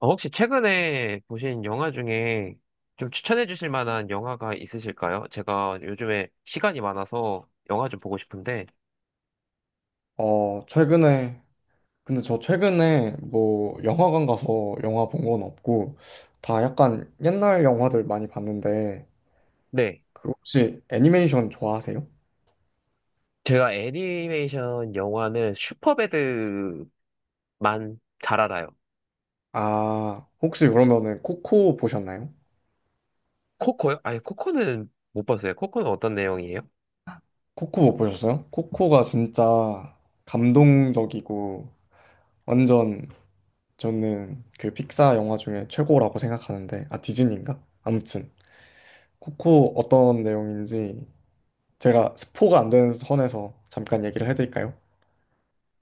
혹시 최근에 보신 영화 중에 좀 추천해 주실 만한 영화가 있으실까요? 제가 요즘에 시간이 많아서 영화 좀 보고 싶은데, 최근에, 근데 저 최근에 뭐 영화관 가서 영화 본 건 없고, 다 약간 옛날 영화들 많이 봤는데, 네. 그 혹시 애니메이션 좋아하세요? 제가 애니메이션 영화는 슈퍼배드만 잘 알아요. 아, 혹시 그러면은 코코 보셨나요? 코코요? 아니, 코코는 못 봤어요. 코코는 어떤 내용이에요? 코코 못 보셨어요? 코코가 진짜 감동적이고, 완전 저는 그 픽사 영화 중에 최고라고 생각하는데, 아, 디즈니인가? 아무튼, 코코 어떤 내용인지 제가 스포가 안 되는 선에서 잠깐 얘기를 해드릴까요?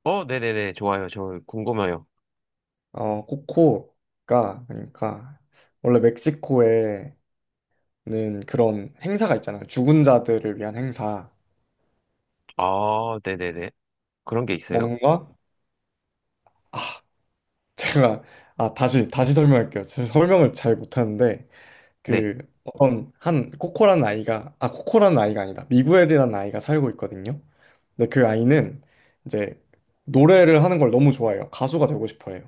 네네네. 좋아요. 저 궁금해요. 코코가 그러니까 원래 멕시코에는 그런 행사가 있잖아요. 죽은 자들을 위한 행사. 아, 네네네. 그런 게 있어요? 뭔가 아, 제가 아, 다시 다시 설명할게요. 제가 설명을 잘 못하는데 네. 그 어떤 한 코코라는 아이가 아, 코코라는 아이가 아니다. 미구엘이라는 아이가 살고 있거든요. 근데 그 아이는 이제 노래를 하는 걸 너무 좋아해요. 가수가 되고 싶어 해요.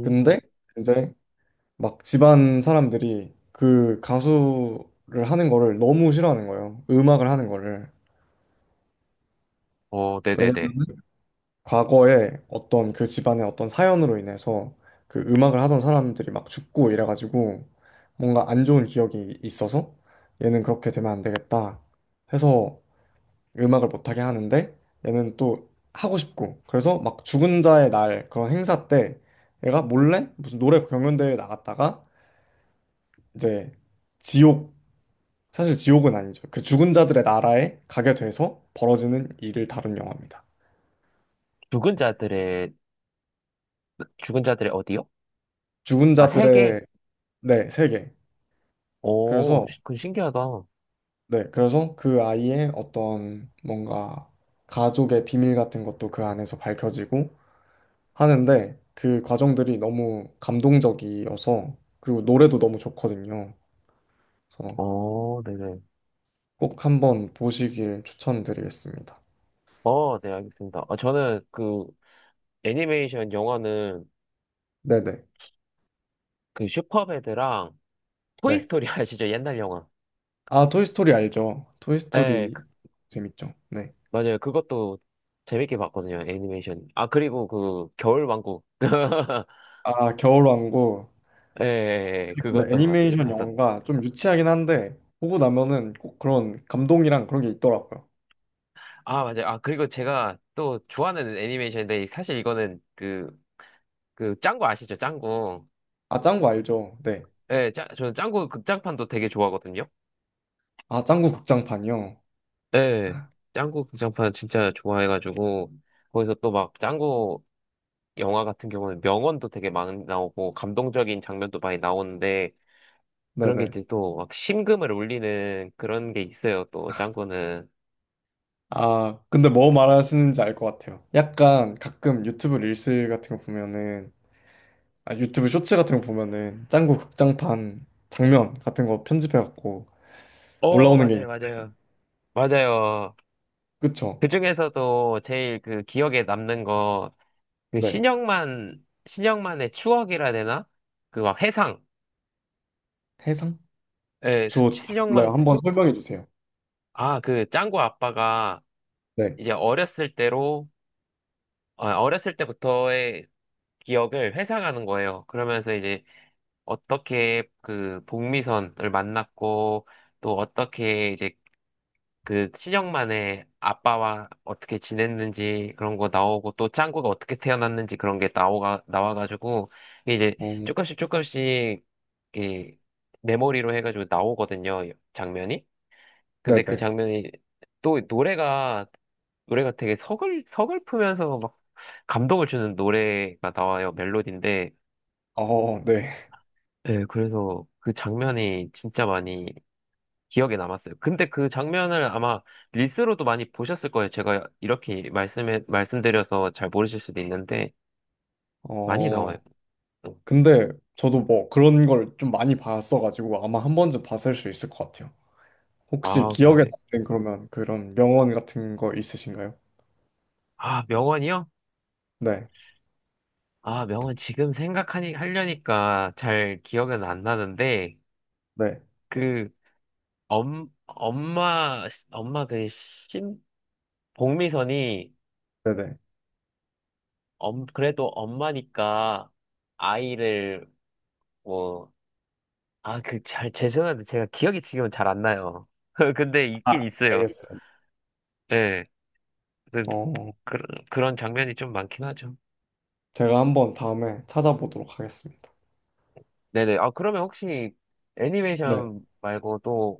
근데 이제 막 집안 사람들이 그 가수를 하는 거를 너무 싫어하는 거예요. 음악을 하는 거를. 왜냐면 네네네. 과거에 어떤 그 집안의 어떤 사연으로 인해서 그 음악을 하던 사람들이 막 죽고 이래가지고 뭔가 안 좋은 기억이 있어서 얘는 그렇게 되면 안 되겠다 해서 음악을 못하게 하는데 얘는 또 하고 싶고 그래서 막 죽은 자의 날 그런 행사 때 얘가 몰래 무슨 노래 경연대회에 나갔다가 이제 지옥 사실 지옥은 아니죠. 그 죽은 자들의 나라에 가게 돼서 벌어지는 일을 다룬 영화입니다. 죽은 자들의, 죽은 자들의 어디요? 죽은 아, 세계? 자들의, 네, 세계. 그래서 그 신기하다. 네, 그래서 그 아이의 어떤 뭔가 가족의 비밀 같은 것도 그 안에서 밝혀지고 하는데 그 과정들이 너무 감동적이어서 그리고 노래도 너무 좋거든요. 그래서 네네. 꼭 한번 보시길 추천드리겠습니다. 네, 알겠습니다. 아, 저는 그 애니메이션 영화는 네네. 그 슈퍼배드랑 네. 토이스토리 아시죠? 옛날 영화. 아, 토이스토리 알죠? 네, 토이스토리 그- 재밌죠? 네. 맞아요. 그것도 재밌게 봤거든요, 애니메이션. 아, 그리고 그 겨울왕국. 아, 겨울왕국. 예, 예, 예, 근데 애니메이션 봤었. 영화가 좀 유치하긴 한데 보고 나면은 꼭 그런 감동이랑 그런 게 있더라고요. 아, 맞아요. 아, 그리고 제가 또 좋아하는 애니메이션인데, 사실 이거는 그, 그 짱구 아시죠? 짱구. 아 짱구 알죠? 네. 저는 짱구 극장판도 되게 좋아하거든요. 아 짱구 극장판이요. 네, 짱구 극장판 진짜 좋아해가지고, 거기서 또 막 짱구 영화 같은 경우는 명언도 되게 많이 나오고, 감동적인 장면도 많이 나오는데, 그런 게 네네. 이제 또 막 심금을 울리는 그런 게 있어요, 또 짱구는. 아 근데 뭐 말하시는지 알 것 같아요. 약간 가끔 유튜브 릴스 같은 거 보면은 아 유튜브 쇼츠 같은 거 보면은 짱구 극장판 장면 같은 거 편집해갖고 어, 올라오는 게 있... 맞아요, 맞아요. 맞아요. 그쵸? 그 중에서도 제일 그 기억에 남는 거, 그 네. 신영만, 신영만의 추억이라 되나? 그 막 해상. 해상? 저 신영만, 몰라요. 한번 설명해 주세요. 아, 그 짱구 아빠가 네. 이제 어렸을 때로 어렸을 때부터의 기억을 회상하는 거예요. 그러면서 이제 어떻게 그 복미선을 만났고 또 어떻게 이제 그 친형만의 아빠와 어떻게 지냈는지 그런 거 나오고 또 짱구가 어떻게 태어났는지 그런 게 나오가 나와가지고 이제 어, 조금씩 조금씩 이 메모리로 해가지고 나오거든요 장면이. 근데 그 네네. 장면이 또 노래가 노래가 되게 서글프면서 막 감동을 주는 노래가 나와요, 멜로디인데. 어, 네. 예, 그래서 그 장면이 진짜 많이 기억에 남았어요. 근데 그 장면을 아마 릴스로도 많이 보셨을 거예요. 제가 이렇게 말씀드려서 잘 모르실 수도 있는데, 많이 나와요. 어. 근데 저도 뭐 그런 걸 좀 많이 봤어가지고 아마 한 번쯤 봤을 수 있을 것 같아요. 혹시 아, 기억에 그러세요? 남는 그러면 그런 명언 같은 거 있으신가요? 아, 명언이요? 네, 아, 명언 지금 하려니까 잘 기억은 안 나는데, 네, 그, 엄마 그 심, 복미선이 네네. 엄, 그래도 엄마니까 아이를 뭐, 아, 그, 잘, 죄송한데 제가 기억이 지금은 잘 안 나요. 근데 있긴 아, 있어요. 알겠어요. 네. 그- 어, 그런, 그런 장면이 좀 많긴 하죠. 제가 한번 다음에 찾아보도록 하겠습니다. 네네. 아, 그러면 혹시 네. 애니메이션 말고 또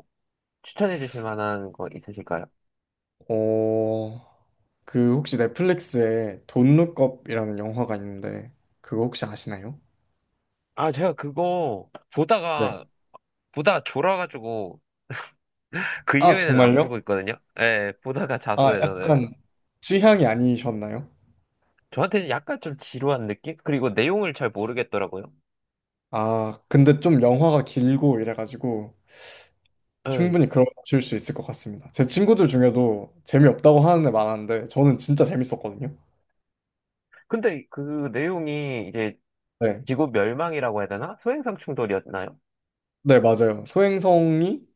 추천해 주실 만한 거 있으실까요? 어, 그 혹시 넷플릭스에 돈룩업이라는 영화가 있는데 그거 혹시 아시나요? 아, 제가 그거 네. 보다가, 보다가 졸아가지고 그 아, 이후에는 안 정말요? 보고 있거든요. 예, 보다가 아, 잤어요, 약간 저는. 취향이 아니셨나요? 저한테는 약간 좀 지루한 느낌? 그리고 내용을 잘 모르겠더라고요. 아, 근데 좀 영화가 길고 이래가지고 예. 충분히 그런 거 보실 수 있을 것 같습니다. 제 친구들 중에도 재미없다고 하는 애 많았는데 저는 진짜 재밌었거든요. 근데 그 내용이 이제 네, 지구 멸망이라고 해야 되나? 소행성 충돌이었나요? 네, 맞아요. 소행성이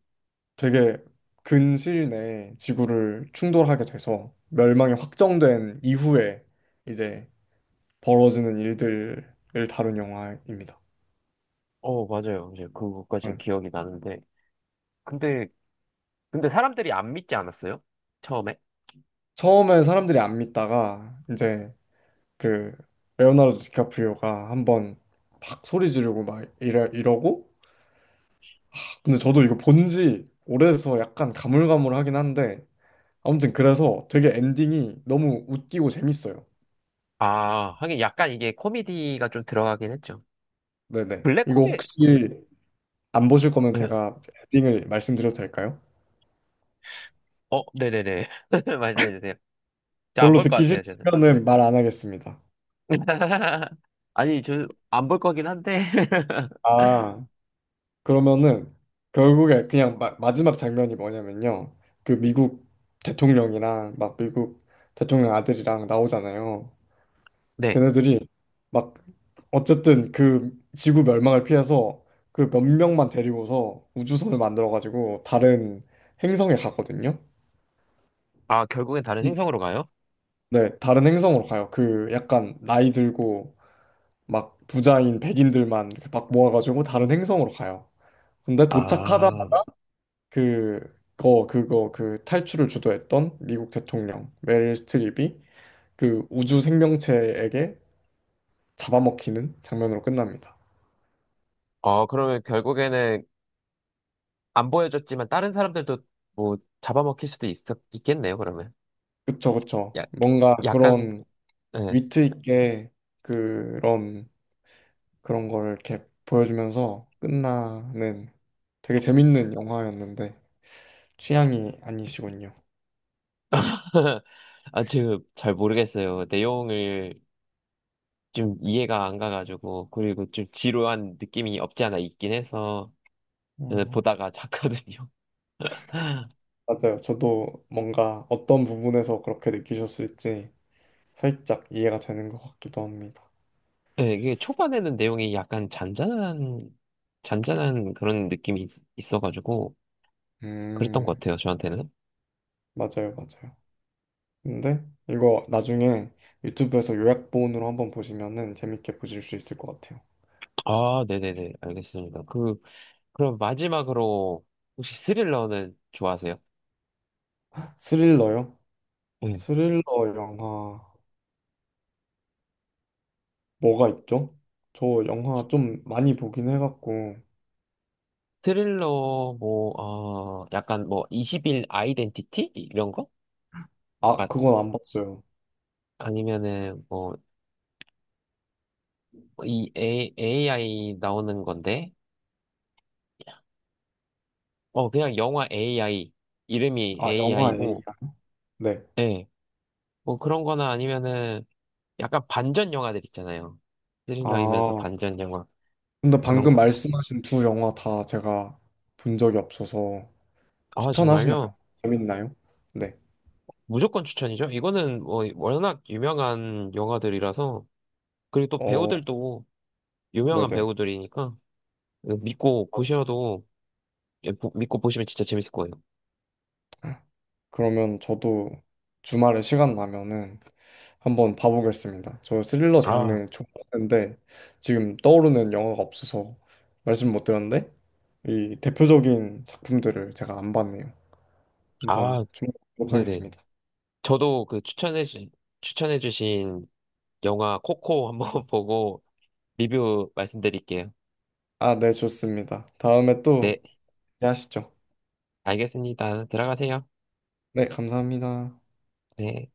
되게 근시일 내에 지구를 충돌하게 돼서 멸망이 확정된 이후에 이제 벌어지는 일들을 다룬 영화입니다. 어, 맞아요. 이제 그것까지 응. 기억이 나는데. 근데, 근데 사람들이 안 믿지 않았어요? 처음에? 처음에 사람들이 안 믿다가 이제 그 레오나르도 디카프리오가 한번 막 소리 지르고 막 이러고 근데 저도 이거 본지 오래돼서 약간 가물가물하긴 한데 아무튼 그래서 되게 엔딩이 너무 웃기고 재밌어요. 아, 하긴 약간 이게 코미디가 좀 들어가긴 했죠. 네네. 블랙 이거 코미, 블... 혹시 안 보실 거면 네. 제가 엔딩을 말씀드려도 될까요? 네네네. 말씀해주세요. 저 안 별로 볼 것 듣기 같아요, 저는. 싫으시면은 말 안 하겠습니다. 아니, 저 안 볼 거긴 한데. 아, 그러면은 결국에 그냥 마지막 장면이 뭐냐면요. 그 미국 대통령이랑 막 미국 대통령 아들이랑 나오잖아요. 네. 걔네들이 막 어쨌든 그 지구 멸망을 피해서 그 몇 명만 데리고서 우주선을 만들어가지고 다른 행성에 가거든요. 아, 결국엔 다른 음, 행성으로 가요? 네, 다른 행성으로 가요. 그 약간 나이 들고 막 부자인 백인들만 이렇게 막 모아가지고 다른 행성으로 가요. 근데 아, 도착하자마자 그, 그 탈출을 주도했던 미국 대통령 메릴 스트립이 그 우주 생명체에게 잡아먹히는 장면으로 끝납니다. 그러면 결국에는 안 보여줬지만 다른 사람들도 뭐 있겠네요, 그러면. 그쵸, 그쵸. 야, 뭔가 약간, 그런 네. 위트 있게 그런 그런 걸 이렇게 보여주면서 끝나는 되게 재밌는 영화였는데 취향이 아니시군요. 아, 지금 잘 모르겠어요. 내용을 좀 이해가 안 가가지고, 그리고 좀 지루한 느낌이 없지 않아 있긴 해서, 저는 음. 보다가 잤거든요. 맞아요. 저도 뭔가 어떤 부분에서 그렇게 느끼셨을지 살짝 이해가 되는 것 같기도 합니다. 네, 이게 초반에는 내용이 약간 잔잔한 그런 느낌이 있어가지고, 그랬던 것 음, 같아요, 저한테는. 맞아요, 맞아요. 근데 이거 나중에 유튜브에서 요약본으로 한번 보시면은 재밌게 보실 수 있을 것 같아요. 아, 네네네, 알겠습니다. 그, 그럼 마지막으로, 혹시 스릴러는 좋아하세요? 스릴러요? 네. 스릴러 영화. 뭐가 있죠? 저 영화 좀 많이 보긴 해갖고 스릴러 뭐 약간 뭐 20일 아이덴티티 이런 거? 아 아, 그건 안 봤어요. 아니면은 뭐 이 AI 나오는 건데 어 그냥 영화 AI 이름이 아 영화 A AI고 네. 예. 뭐 그런 거나 아니면은 약간 반전 영화들 있잖아요. 스릴러이면서 아 반전 영화 근데 그런 방금 것도. 말씀하신 두 영화 다 제가 본 적이 없어서 아 추천하시나요? 정말요? 재밌나요? 네. 무조건 추천이죠. 이거는 뭐 워낙 유명한 영화들이라서 그리고 또 어 배우들도 유명한 네네. 배우들이니까 믿고 아, 보셔도 믿고 보시면 진짜 재밌을 거예요. 그러면 저도 주말에 시간 나면은 한번 봐보겠습니다. 저 스릴러 아, 장르 좋아하는데 지금 떠오르는 영화가 없어서 말씀 못 드렸는데 이 대표적인 작품들을 제가 안 봤네요. 한번 아, 네네. 주목하겠습니다. 저도 그 추천해주, 추천해주신 영화 코코 한번 보고 리뷰 말씀드릴게요. 아, 네, 좋습니다. 다음에 또 네, 얘기하시죠. 알겠습니다. 들어가세요. 네, 감사합니다. 네.